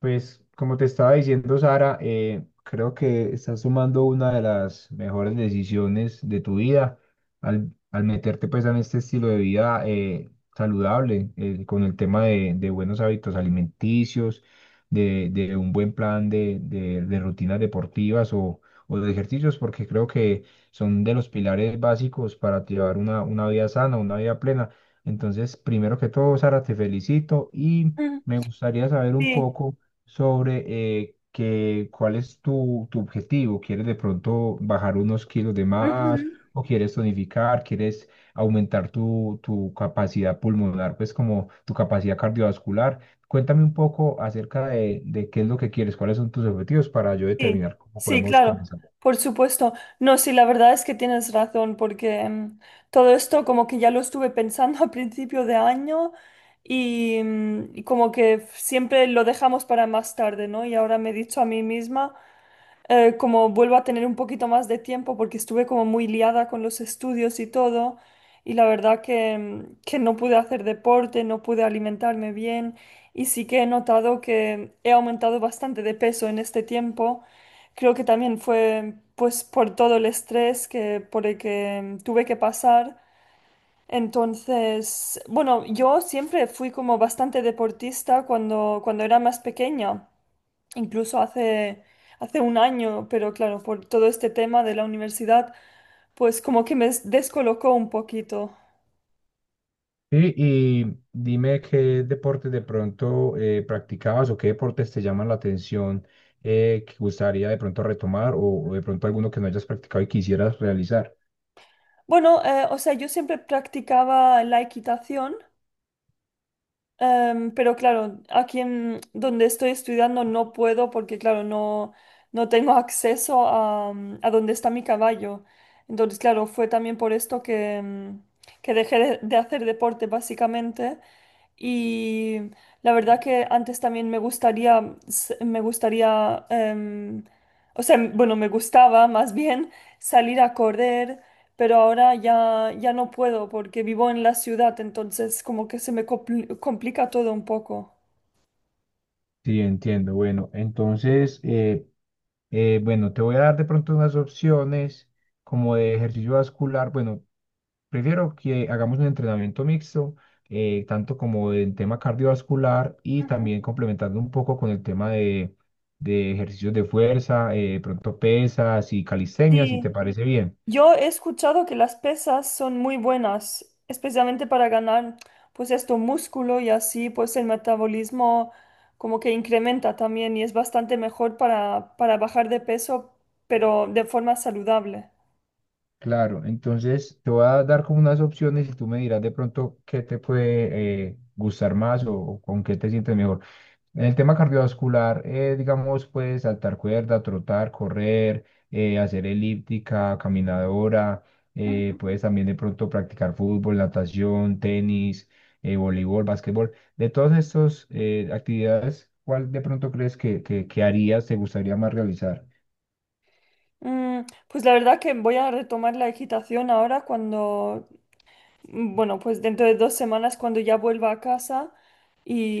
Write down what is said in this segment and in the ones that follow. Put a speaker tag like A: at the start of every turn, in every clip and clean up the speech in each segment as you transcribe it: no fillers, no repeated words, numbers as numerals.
A: Pues como te estaba diciendo, Sara, creo que estás tomando una de las mejores decisiones de tu vida al meterte pues en este estilo de vida saludable, con el tema de buenos hábitos alimenticios, de un buen plan de rutinas deportivas o de ejercicios, porque creo que son de los pilares básicos para llevar una vida sana, una vida plena. Entonces, primero que todo, Sara, te felicito y
B: Mm,
A: me gustaría saber un
B: sí,
A: poco sobre cuál es tu objetivo. ¿Quieres de pronto bajar unos kilos de más
B: ujú,
A: o quieres tonificar? ¿Quieres aumentar tu capacidad pulmonar, pues como tu capacidad cardiovascular? Cuéntame un poco acerca de qué es lo que quieres, cuáles son tus objetivos para yo
B: sí,
A: determinar cómo
B: sí,
A: podemos
B: claro,
A: comenzar.
B: por supuesto. No, sí, la verdad es que tienes razón, porque todo esto como que ya lo estuve pensando a principio de año y como que siempre lo dejamos para más tarde, ¿no? Y ahora me he dicho a mí misma, como vuelvo a tener un poquito más de tiempo porque estuve como muy liada con los estudios y todo y la verdad que no pude hacer deporte, no pude alimentarme bien y sí que he notado que he aumentado bastante de peso en este tiempo. Creo que también fue pues por todo el estrés por el que tuve que pasar. Entonces, bueno, yo siempre fui como bastante deportista cuando era más pequeña, incluso hace un año, pero claro, por todo este tema de la universidad, pues como que me descolocó un poquito.
A: Sí, y dime qué deportes de pronto practicabas o qué deportes te llaman la atención que gustaría de pronto retomar o de pronto alguno que no hayas practicado y quisieras realizar.
B: Bueno, o sea, yo siempre practicaba la equitación. Pero claro, aquí en donde estoy estudiando no puedo, porque claro, no, no tengo acceso a donde está mi caballo. Entonces, claro, fue también por esto que dejé de hacer deporte básicamente. Y la verdad que antes también me gustaría, o sea, bueno, me gustaba más bien salir a correr, pero ahora ya, ya no puedo porque vivo en la ciudad, entonces como que se me complica todo un poco.
A: Sí, entiendo. Bueno, entonces, bueno, te voy a dar de pronto unas opciones como de ejercicio vascular. Bueno, prefiero que hagamos un entrenamiento mixto, tanto como en tema cardiovascular y
B: Ujú.
A: también complementando un poco con el tema de ejercicios de fuerza, pronto pesas y calistenia, si te
B: Sí,
A: parece bien.
B: yo he escuchado que las pesas son muy buenas, especialmente para ganar pues esto músculo, y así pues el metabolismo como que incrementa también y es bastante mejor para bajar de peso, pero de forma saludable.
A: Claro, entonces te voy a dar como unas opciones y tú me dirás de pronto qué te puede gustar más o con qué te sientes mejor. En el tema cardiovascular, digamos, puedes saltar cuerda, trotar, correr, hacer elíptica, caminadora, puedes también de pronto practicar fútbol, natación, tenis, voleibol, básquetbol. De todas estas actividades, ¿cuál de pronto crees que harías, te gustaría más realizar?
B: Pues la verdad que voy a retomar la equitación ahora cuando Bueno, pues dentro de 2 semanas cuando ya vuelva a casa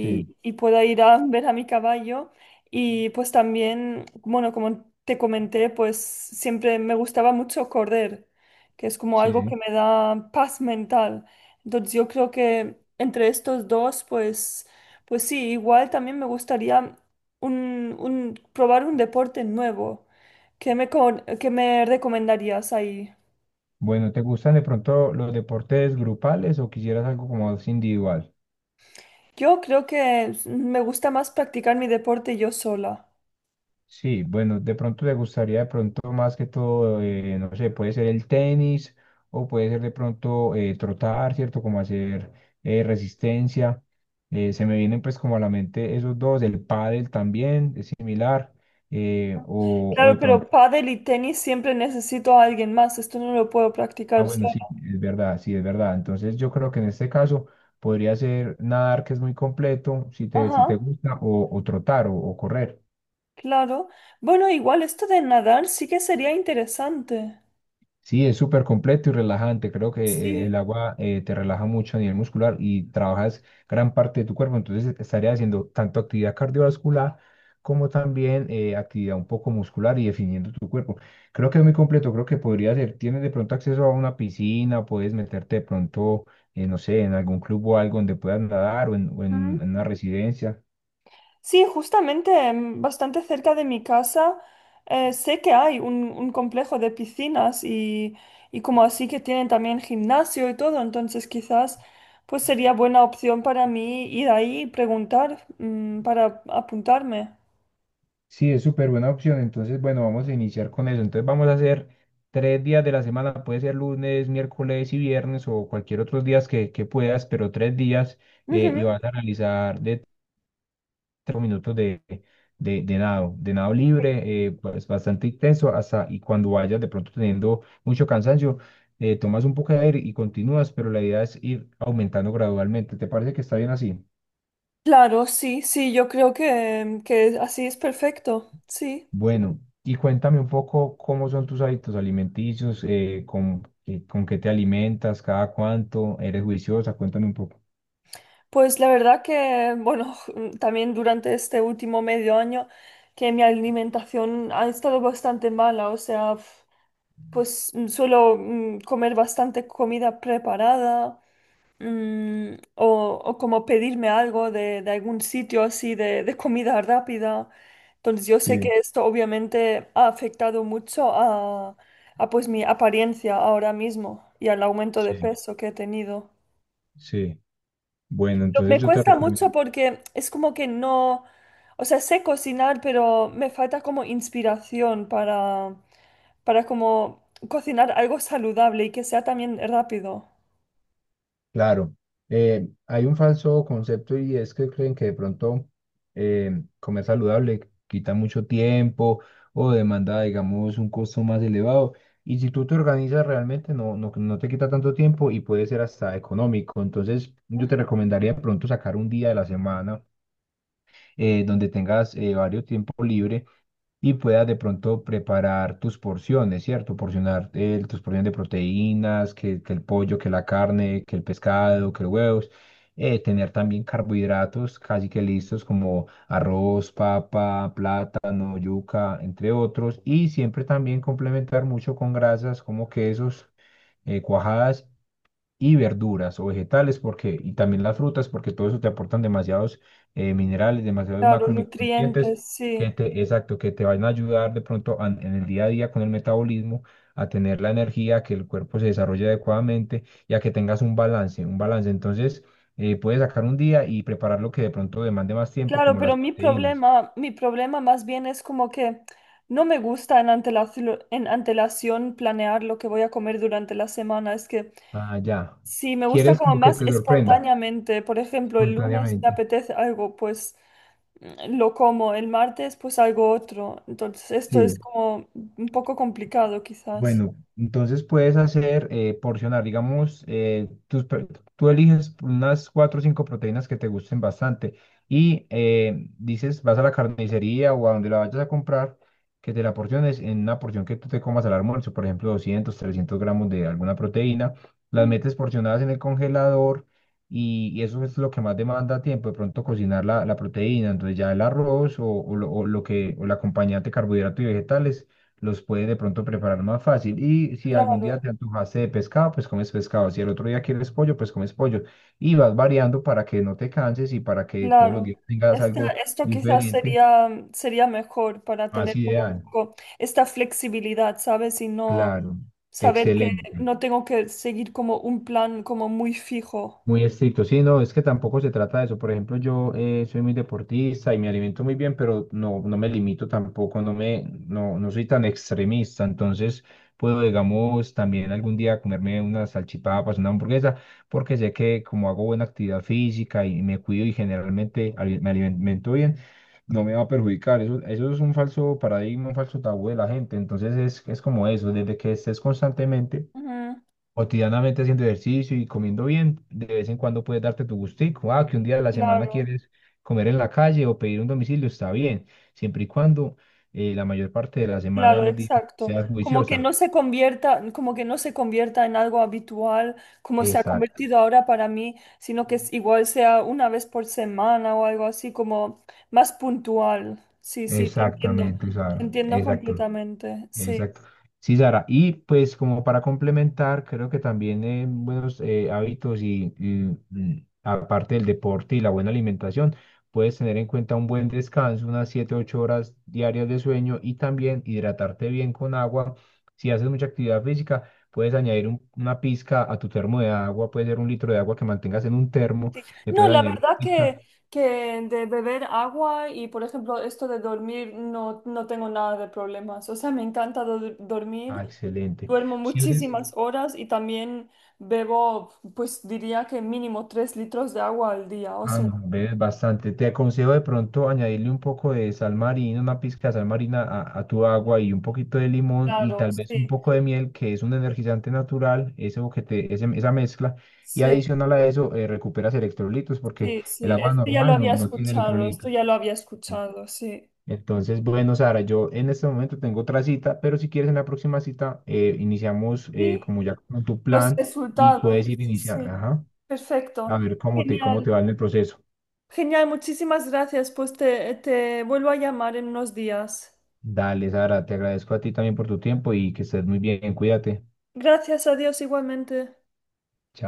A: Sí,
B: y pueda ir a ver a mi caballo. Y pues también, bueno, como te comenté, pues siempre me gustaba mucho correr, que es como algo
A: sí.
B: que me da paz mental. Entonces yo creo que entre estos dos, pues sí, igual también me gustaría probar un deporte nuevo. ¿Qué me recomendarías ahí?
A: Bueno, ¿te gustan de pronto los deportes grupales o quisieras algo como más individual?
B: Yo creo que me gusta más practicar mi deporte yo sola.
A: Sí, bueno, de pronto le gustaría de pronto más que todo, no sé, puede ser el tenis o puede ser de pronto trotar, ¿cierto? Como hacer resistencia. Se me vienen pues como a la mente esos dos, el pádel también es similar, o
B: Claro,
A: de pronto,
B: pero pádel y tenis siempre necesito a alguien más. Esto no lo puedo
A: ah,
B: practicar
A: bueno,
B: sola.
A: sí, es verdad, sí, es verdad. Entonces yo creo que en este caso podría ser nadar que es muy completo, si te
B: Ajá,
A: gusta, o trotar o correr.
B: claro. Bueno, igual esto de nadar sí que sería interesante.
A: Sí, es súper completo y relajante. Creo que
B: Sí.
A: el agua te relaja mucho a nivel muscular y trabajas gran parte de tu cuerpo. Entonces estaría haciendo tanto actividad cardiovascular como también actividad un poco muscular y definiendo tu cuerpo. Creo que es muy completo. Creo que podría ser. Tienes de pronto acceso a una piscina, puedes meterte de pronto, no sé, en algún club o algo donde puedas nadar o en, o en
B: Ujú.
A: en una residencia.
B: Sí, justamente bastante cerca de mi casa, sé que hay un complejo de piscinas, y como así que tienen también gimnasio y todo, entonces quizás pues sería buena opción para mí ir ahí y preguntar, para apuntarme.
A: Sí, es súper buena opción. Entonces, bueno, vamos a iniciar con eso. Entonces, vamos a hacer 3 días de la semana. Puede ser lunes, miércoles y viernes o cualquier otros días que puedas, pero 3 días
B: Ujú.
A: y vas a realizar de 3 minutos de nado libre, pues bastante intenso hasta y cuando vayas de pronto teniendo mucho cansancio, tomas un poco de aire y continúas, pero la idea es ir aumentando gradualmente. ¿Te parece que está bien así?
B: Claro, sí, sí, yo creo que así es perfecto, sí.
A: Bueno, y cuéntame un poco cómo son tus hábitos alimenticios, con qué te alimentas, cada cuánto, eres juiciosa, cuéntame un poco.
B: Pues la verdad que, bueno, también durante este último medio año que mi alimentación ha estado bastante mala, o sea. Pues suelo comer bastante comida preparada, o como pedirme algo de algún sitio, así de comida rápida. Entonces yo sé que
A: Sí.
B: esto obviamente ha afectado mucho a pues mi apariencia ahora mismo y al aumento de
A: Sí.
B: peso que he tenido.
A: Sí, bueno, entonces
B: Me
A: yo te
B: cuesta
A: recomiendo.
B: mucho porque es como que no, o sea, sé cocinar, pero me falta como inspiración para como cocinar algo saludable y que sea también rápido.
A: Claro, hay un falso concepto y es que creen que de pronto comer saludable quita mucho tiempo o demanda, digamos, un costo más elevado. Y si tú te organizas realmente, no, no, no te quita tanto tiempo y puede ser hasta económico. Entonces, yo te recomendaría de pronto sacar un día de la semana donde tengas varios tiempo libre y puedas de pronto preparar tus porciones, ¿cierto? Porcionar tus porciones de proteínas, que el pollo, que la carne, que el pescado, que los huevos. Tener también carbohidratos casi que listos como arroz, papa, plátano, yuca, entre otros. Y siempre también complementar mucho con grasas como quesos, cuajadas y verduras o vegetales porque, y también las frutas porque todo eso te aportan demasiados minerales, demasiados
B: Claro,
A: macro y micronutrientes
B: nutrientes, sí.
A: exacto, que te van a ayudar de pronto en el día a día con el metabolismo a tener la energía, a que el cuerpo se desarrolle adecuadamente y a que tengas un balance, un balance. Entonces, puedes sacar un día y preparar lo que de pronto demande más tiempo,
B: Claro,
A: como las
B: pero
A: proteínas.
B: mi problema más bien es como que no me gusta en antelación planear lo que voy a comer durante la semana. Es que.
A: Ah, ya.
B: Sí, me gusta
A: ¿Quieres
B: como
A: como que
B: más
A: te sorprenda
B: espontáneamente. Por ejemplo, el lunes me
A: espontáneamente?
B: apetece algo, pues lo como. El martes, pues algo otro. Entonces, esto es
A: Sí.
B: como un poco complicado, quizás.
A: Bueno, entonces puedes hacer porcionar, digamos, tú eliges unas cuatro o cinco proteínas que te gusten bastante y dices, vas a la carnicería o a donde la vayas a comprar, que te la porciones en una porción que tú te comas al almuerzo, por ejemplo, 200 300 gramos de alguna proteína, las
B: Mm,
A: metes porcionadas en el congelador y eso es lo que más demanda tiempo, de pronto cocinar la proteína, entonces ya el arroz o el acompañante carbohidrato y vegetales los puede de pronto preparar más fácil. Y si algún
B: claro,
A: día te antojaste de pescado, pues comes pescado. Si el otro día quieres pollo, pues comes pollo. Y vas variando para que no te canses y para que todos los
B: claro.
A: días tengas algo
B: Esto quizás
A: diferente,
B: sería mejor para
A: más
B: tener como un
A: ideal.
B: poco esta flexibilidad, ¿sabes? Y no
A: Claro,
B: saber que
A: excelente.
B: no tengo que seguir como un plan como muy fijo.
A: Muy estricto, sí, no, es que tampoco se trata de eso. Por ejemplo, yo soy muy deportista y me alimento muy bien, pero no, no me limito tampoco, no, no soy tan extremista. Entonces, puedo, digamos, también algún día comerme unas salchipapas, una hamburguesa, porque sé que como hago buena actividad física y me cuido y generalmente me alimento bien, no me va a perjudicar. Eso es un falso paradigma, un falso tabú de la gente. Entonces, es como eso, desde que estés constantemente
B: Ujú,
A: cotidianamente haciendo ejercicio y comiendo bien, de vez en cuando puedes darte tu gustico. Ah, que un día de la semana
B: claro.
A: quieres comer en la calle o pedir un domicilio, está bien, siempre y cuando la mayor parte de la semana de
B: Claro,
A: los días
B: exacto.
A: seas
B: Como que
A: juiciosa.
B: no se convierta, como que no se convierta en algo habitual, como se ha
A: Exacto,
B: convertido ahora para mí, sino que igual sea una vez por semana o algo así, como más puntual. Sí, sí,
A: exactamente, o
B: te
A: sea,
B: entiendo
A: exacto.
B: completamente. Sí,
A: Exacto. Sí, Sara. Y pues como para complementar, creo que también buenos hábitos aparte del deporte y la buena alimentación, puedes tener en cuenta un buen descanso, unas 7 8 horas diarias de sueño y también hidratarte bien con agua. Si haces mucha actividad física, puedes añadir una pizca a tu termo de agua, puede ser un litro de agua que mantengas en un termo,
B: sí.
A: le
B: No,
A: puedes
B: la
A: añadir una
B: verdad que,
A: pizca.
B: que de beber agua y, por ejemplo, esto de dormir, no, no tengo nada de problemas. O sea, me encanta dormir.
A: Ah, excelente.
B: Duermo
A: Si haces,
B: muchísimas horas y también bebo, pues diría que mínimo 3 litros de agua al día. O
A: ah,
B: sea,
A: no, ves bastante. Te aconsejo de pronto añadirle un poco de sal marina, una pizca de sal marina a tu agua y un poquito de limón y
B: claro,
A: tal vez un
B: sí,
A: poco de miel, que es un energizante natural, eso esa mezcla. Y
B: sí,
A: adicional a eso, recuperas electrolitos porque
B: sí, sí.
A: el agua
B: Esto ya lo
A: normal
B: había
A: no, no tiene
B: escuchado, esto
A: electrolitos.
B: ya lo había
A: Sí.
B: escuchado, sí.
A: Entonces, bueno, Sara, yo en este momento tengo otra cita, pero si quieres en la próxima cita, iniciamos
B: Sí,
A: como ya con tu
B: los
A: plan y
B: resultados,
A: puedes ir iniciando,
B: sí.
A: ajá, a
B: Perfecto.
A: ver cómo te
B: Genial.
A: va en el proceso.
B: Genial, muchísimas gracias. Pues te vuelvo a llamar en unos días.
A: Dale, Sara, te agradezco a ti también por tu tiempo y que estés muy bien, cuídate.
B: Gracias a Dios igualmente.